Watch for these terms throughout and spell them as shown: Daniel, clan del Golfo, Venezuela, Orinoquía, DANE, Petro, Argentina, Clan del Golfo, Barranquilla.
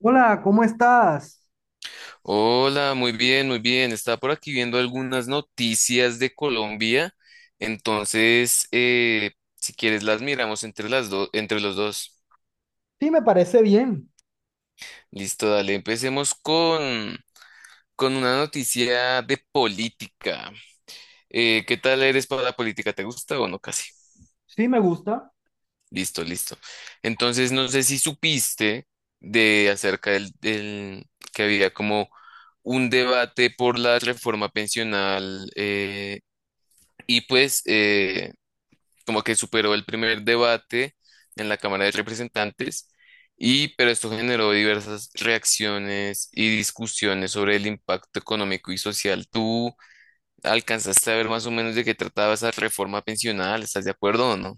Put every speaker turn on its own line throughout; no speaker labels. Hola, ¿cómo estás?
Hola, muy bien, muy bien. Estaba por aquí viendo algunas noticias de Colombia. Entonces, si quieres, las miramos entre las dos, entre los dos.
Sí, me parece bien.
Listo, dale. Empecemos con una noticia de política. ¿Qué tal eres para la política? ¿Te gusta o no? Casi.
Sí, me gusta.
Listo, listo. Entonces, no sé si supiste de acerca del que había como un debate por la reforma pensional. Y pues como que superó el primer debate en la Cámara de Representantes, y pero esto generó diversas reacciones y discusiones sobre el impacto económico y social. ¿Tú alcanzaste a ver más o menos de qué trataba esa reforma pensional? ¿Estás de acuerdo o no?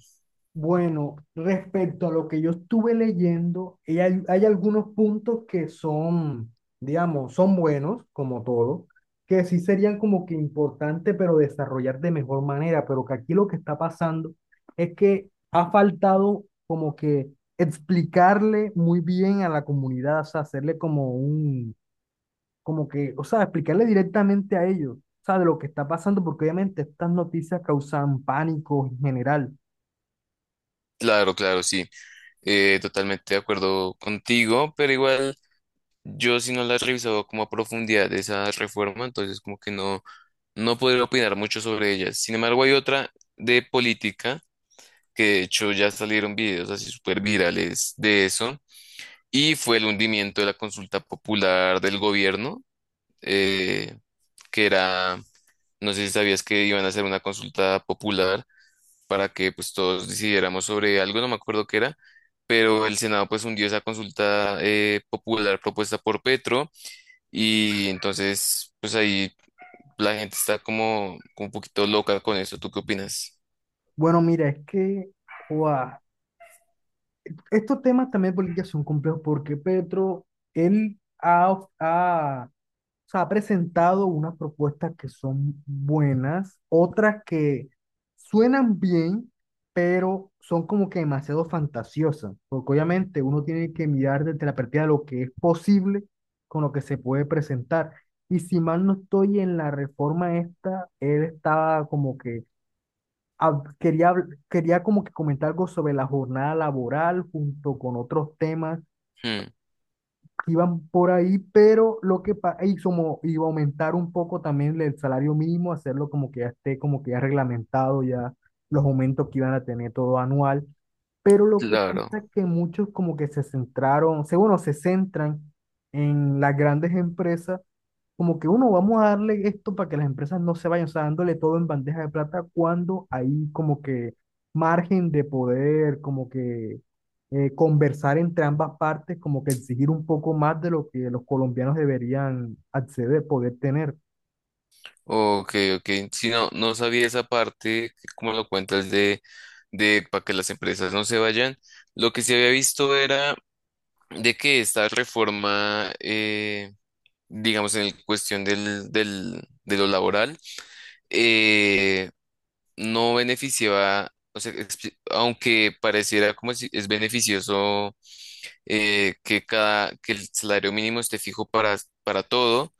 Bueno, respecto a lo que yo estuve leyendo, y hay algunos puntos que son, digamos, son buenos, como todo, que sí serían como que importantes, pero desarrollar de mejor manera, pero que aquí lo que está pasando es que ha faltado como que explicarle muy bien a la comunidad, o sea, hacerle como un, como que, o sea, explicarle directamente a ellos, o sea, de lo que está pasando, porque obviamente estas noticias causan pánico en general.
Claro, claro, sí. Totalmente de acuerdo contigo, pero igual yo si no la he revisado como a profundidad de esa reforma, entonces como que no podré opinar mucho sobre ella. Sin embargo, hay otra de política que de hecho ya salieron videos así súper virales de eso, y fue el hundimiento de la consulta popular del gobierno, eh, que era, no sé si sabías que iban a hacer una consulta popular para que pues todos decidiéramos sobre algo, no me acuerdo qué era, pero el Senado pues hundió esa consulta popular propuesta por Petro y entonces pues ahí la gente está como, como un poquito loca con eso, ¿tú qué opinas?
Bueno, mira, es que, joa, estos temas también de política son complejos porque Petro, él ha, of- ha o sea, ha presentado unas propuestas que son buenas, otras que suenan bien, pero son como que demasiado fantasiosas, porque obviamente uno tiene que mirar desde la perspectiva de lo que es posible con lo que se puede presentar. Y si mal no estoy en la reforma esta, él estaba como que quería como que comentar algo sobre la jornada laboral junto con otros temas
Hmm,
iban por ahí, pero y como iba a aumentar un poco también el salario mínimo, hacerlo como que ya esté como que ya reglamentado ya los aumentos que iban a tener todo anual, pero lo que
claro.
pasa es que muchos como que se centraron, se, bueno, se centran en las grandes empresas como que uno, vamos a darle esto para que las empresas no se vayan, o sea, dándole todo en bandeja de plata cuando hay como que margen de poder, como que conversar entre ambas partes, como que exigir un poco más de lo que los colombianos deberían acceder, poder tener.
Ok, ok. Si no, no sabía esa parte, que como lo cuentas, de para que las empresas no se vayan. Lo que sí había visto era de que esta reforma, digamos, en el cuestión de lo laboral, eh, no beneficiaba, o sea, exp- aunque pareciera como si es beneficioso que cada, que el salario mínimo esté fijo para todo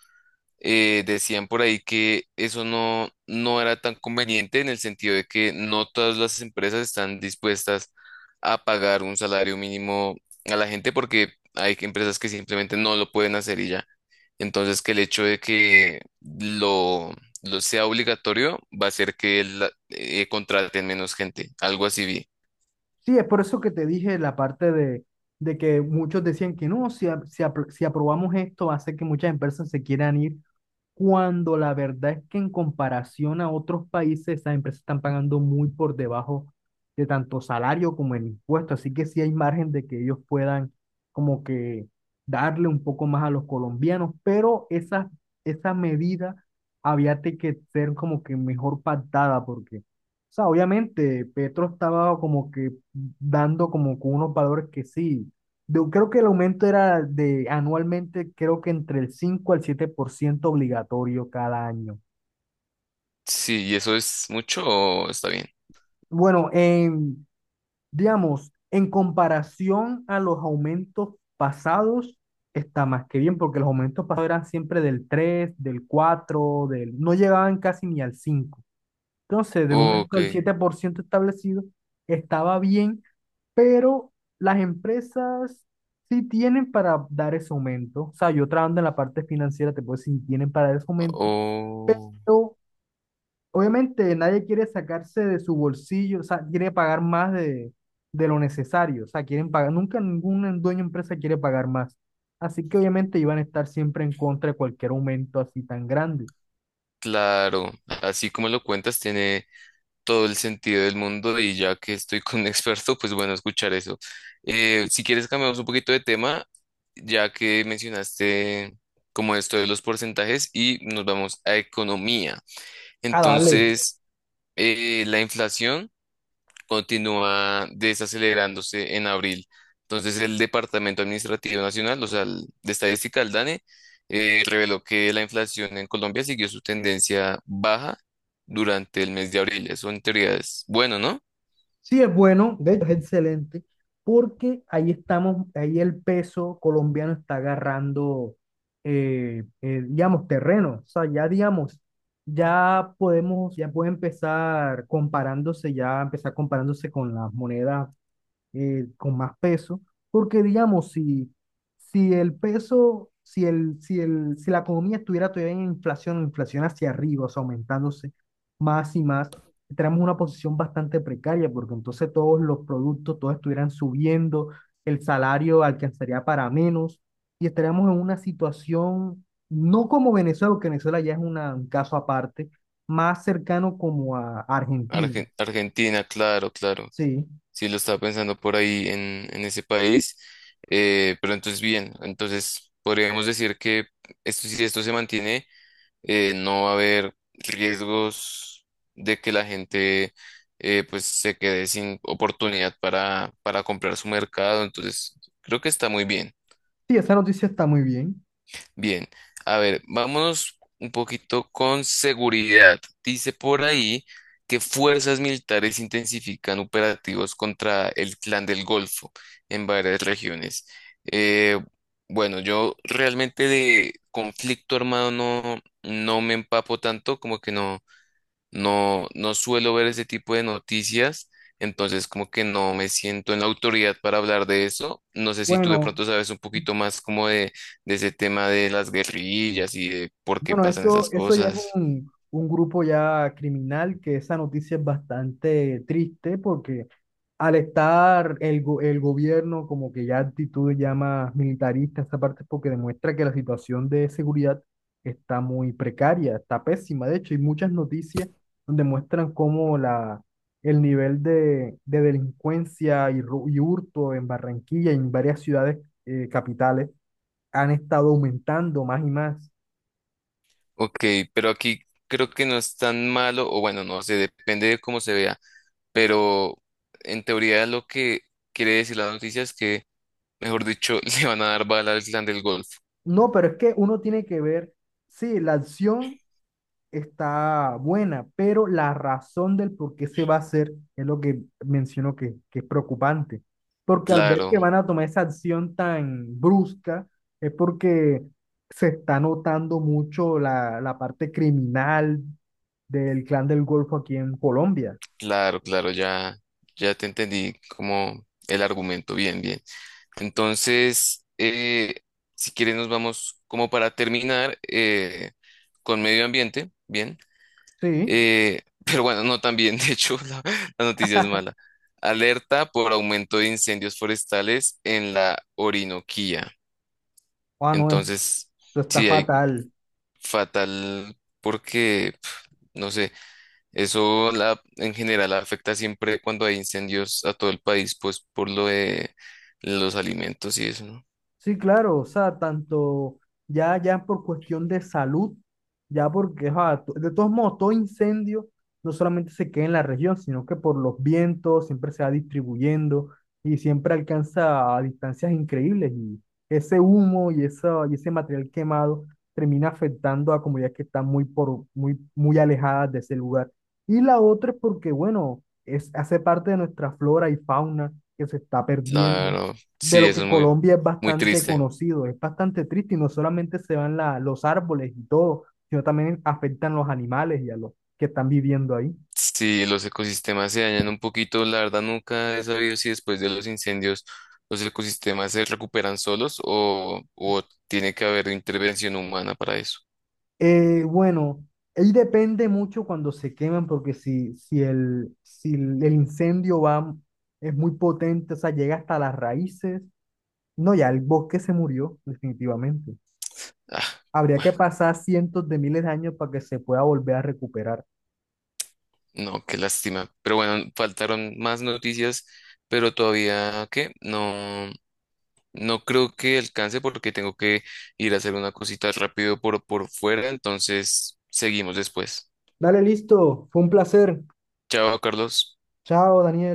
decían por ahí que eso no era tan conveniente en el sentido de que no todas las empresas están dispuestas a pagar un salario mínimo a la gente porque hay que- empresas que simplemente no lo pueden hacer y ya. Entonces, que el hecho de lo sea obligatorio va a hacer que la- contraten menos gente, algo así vi.
Sí, es por eso que te dije la parte de, que muchos decían que no, si aprobamos esto, hace que muchas empresas se quieran ir cuando la verdad es que en comparación a otros países, esas empresas están pagando muy por debajo de tanto salario como el impuesto, así que sí hay margen de que ellos puedan como que darle un poco más a los colombianos, pero esa medida que ser como que mejor pactada porque, o sea, obviamente Petro estaba como que dando como que unos valores que sí. Yo creo que el aumento era de anualmente, creo que entre el 5 al 7% obligatorio cada año.
Sí, ¿y eso es mucho o está bien?
Bueno, en, digamos, en comparación a los aumentos pasados, está más que bien, porque los aumentos pasados eran siempre del 3 del 4 del, no llegaban casi ni al cinco. Entonces, del
Ok,
aumento del 7% establecido, estaba bien, pero las empresas sí tienen para dar ese aumento. O sea, yo trabajando en la parte financiera, te puedo decir, sí tienen para dar ese aumento,
oh,
pero obviamente nadie quiere sacarse de su bolsillo, o sea, quiere pagar más de lo necesario. O sea, quieren pagar, nunca ningún dueño de empresa quiere pagar más. Así que obviamente iban a estar siempre en contra de cualquier aumento así tan grande.
claro, así como lo cuentas, tiene todo el sentido del mundo y ya que estoy con un experto, pues bueno, escuchar eso. Si quieres cambiamos un poquito de tema, ya que mencionaste como esto de los porcentajes y nos vamos a economía.
Ah, dale.
Entonces, la inflación continúa desacelerándose en abril. Entonces, el Departamento Administrativo Nacional, o sea, el de Estadística, el DANE, reveló que la inflación en Colombia siguió su tendencia baja durante el mes de abril. Eso en teoría es bueno, ¿no?
Sí, es bueno, de hecho es excelente, porque ahí estamos, ahí el peso colombiano está agarrando, digamos, terreno. O sea, ya digamos, ya podemos, ya puede empezar comparándose, ya empezar comparándose con las monedas con más peso, porque digamos, si, si el peso, si la economía estuviera todavía en inflación, inflación hacia arriba, o sea, aumentándose más y más, tenemos una posición bastante precaria, porque entonces todos los productos, todos estuvieran subiendo, el salario alcanzaría para menos, y estaríamos en una situación, no como Venezuela, porque Venezuela ya es un caso aparte, más cercano como a Argentina.
Argen- Argentina, claro, claro.
Sí,
Sí, lo estaba pensando por ahí en ese país. Pero entonces, bien, entonces podríamos decir que esto, si esto se mantiene, no va a haber riesgos de que la gente pues se quede sin oportunidad para comprar su mercado. Entonces, creo que está muy bien.
sí, esa noticia está muy bien.
Bien, a ver, vámonos un poquito con seguridad. Dice por ahí que fuerzas militares intensifican operativos contra el Clan del Golfo en varias regiones. Eh, bueno, yo realmente de conflicto armado no me empapo tanto, como que no suelo ver ese tipo de noticias, entonces como que no me siento en la autoridad para hablar de eso. No sé si tú de
Bueno,
pronto sabes un poquito más como de ese tema de las guerrillas y de por qué
bueno,
pasan
eso,
esas
eso ya es
cosas.
un grupo ya criminal, que esa noticia es bastante triste porque al estar el gobierno como que ya actitud ya más militarista, esa parte es porque demuestra que la situación de seguridad está muy precaria, está pésima. De hecho, hay muchas noticias donde muestran cómo el nivel de delincuencia y hurto en Barranquilla y en varias ciudades capitales han estado aumentando más y más.
Ok, pero aquí creo que no es tan malo, o bueno, no sé, depende de cómo se vea, pero en teoría lo que quiere decir la noticia es que, mejor dicho, le van a dar bala al clan del Golfo.
No, pero es que uno tiene que ver, sí, la acción está buena, pero la razón del por qué se va a hacer es lo que menciono que es preocupante. Porque al ver que
Claro.
van a tomar esa acción tan brusca, es porque se está notando mucho la, la parte criminal del clan del Golfo aquí en Colombia.
Claro, claro, ya, ya te entendí como el argumento, bien, bien. Entonces, si quieres nos vamos como para terminar con medio ambiente, bien.
Sí,
Pero bueno, no tan bien, de hecho, la noticia es mala. Alerta por aumento de incendios forestales en la Orinoquía.
ah, no, esto
Entonces,
está
sí, hay
fatal.
fatal porque, pf, no sé. Eso la, en general afecta siempre cuando hay incendios a todo el país, pues por lo de los alimentos y eso, ¿no?
Sí, claro, o sea, tanto ya, ya por cuestión de salud, ya porque, ajá, de todos modos, todo incendio no solamente se queda en la región, sino que por los vientos siempre se va distribuyendo y siempre alcanza a distancias increíbles y ese humo y ese material quemado termina afectando a comunidades que están muy, muy alejadas de ese lugar. Y la otra es porque, bueno, es, hace parte de nuestra flora y fauna que se está perdiendo
Claro,
de
sí,
lo
eso
que
es muy,
Colombia es
muy
bastante
triste.
conocido, es bastante triste y no solamente se van los árboles y todo, sino también afectan los animales y a los que están viviendo ahí.
Si los ecosistemas se dañan un poquito, la verdad nunca he sabido si después de los incendios los ecosistemas se recuperan solos o tiene que haber intervención humana para eso.
Bueno, ahí depende mucho cuando se queman, porque si el incendio va, es muy potente, o sea, llega hasta las raíces, no, ya el bosque se murió definitivamente.
Ah,
Habría que pasar cientos de miles de años para que se pueda volver a recuperar.
no, qué lástima. Pero bueno, faltaron más noticias, pero todavía, ¿qué? No. No creo que alcance porque tengo que ir a hacer una cosita rápido por fuera, entonces seguimos después.
Dale, listo, fue un placer.
Chao, Carlos.
Chao, Daniel.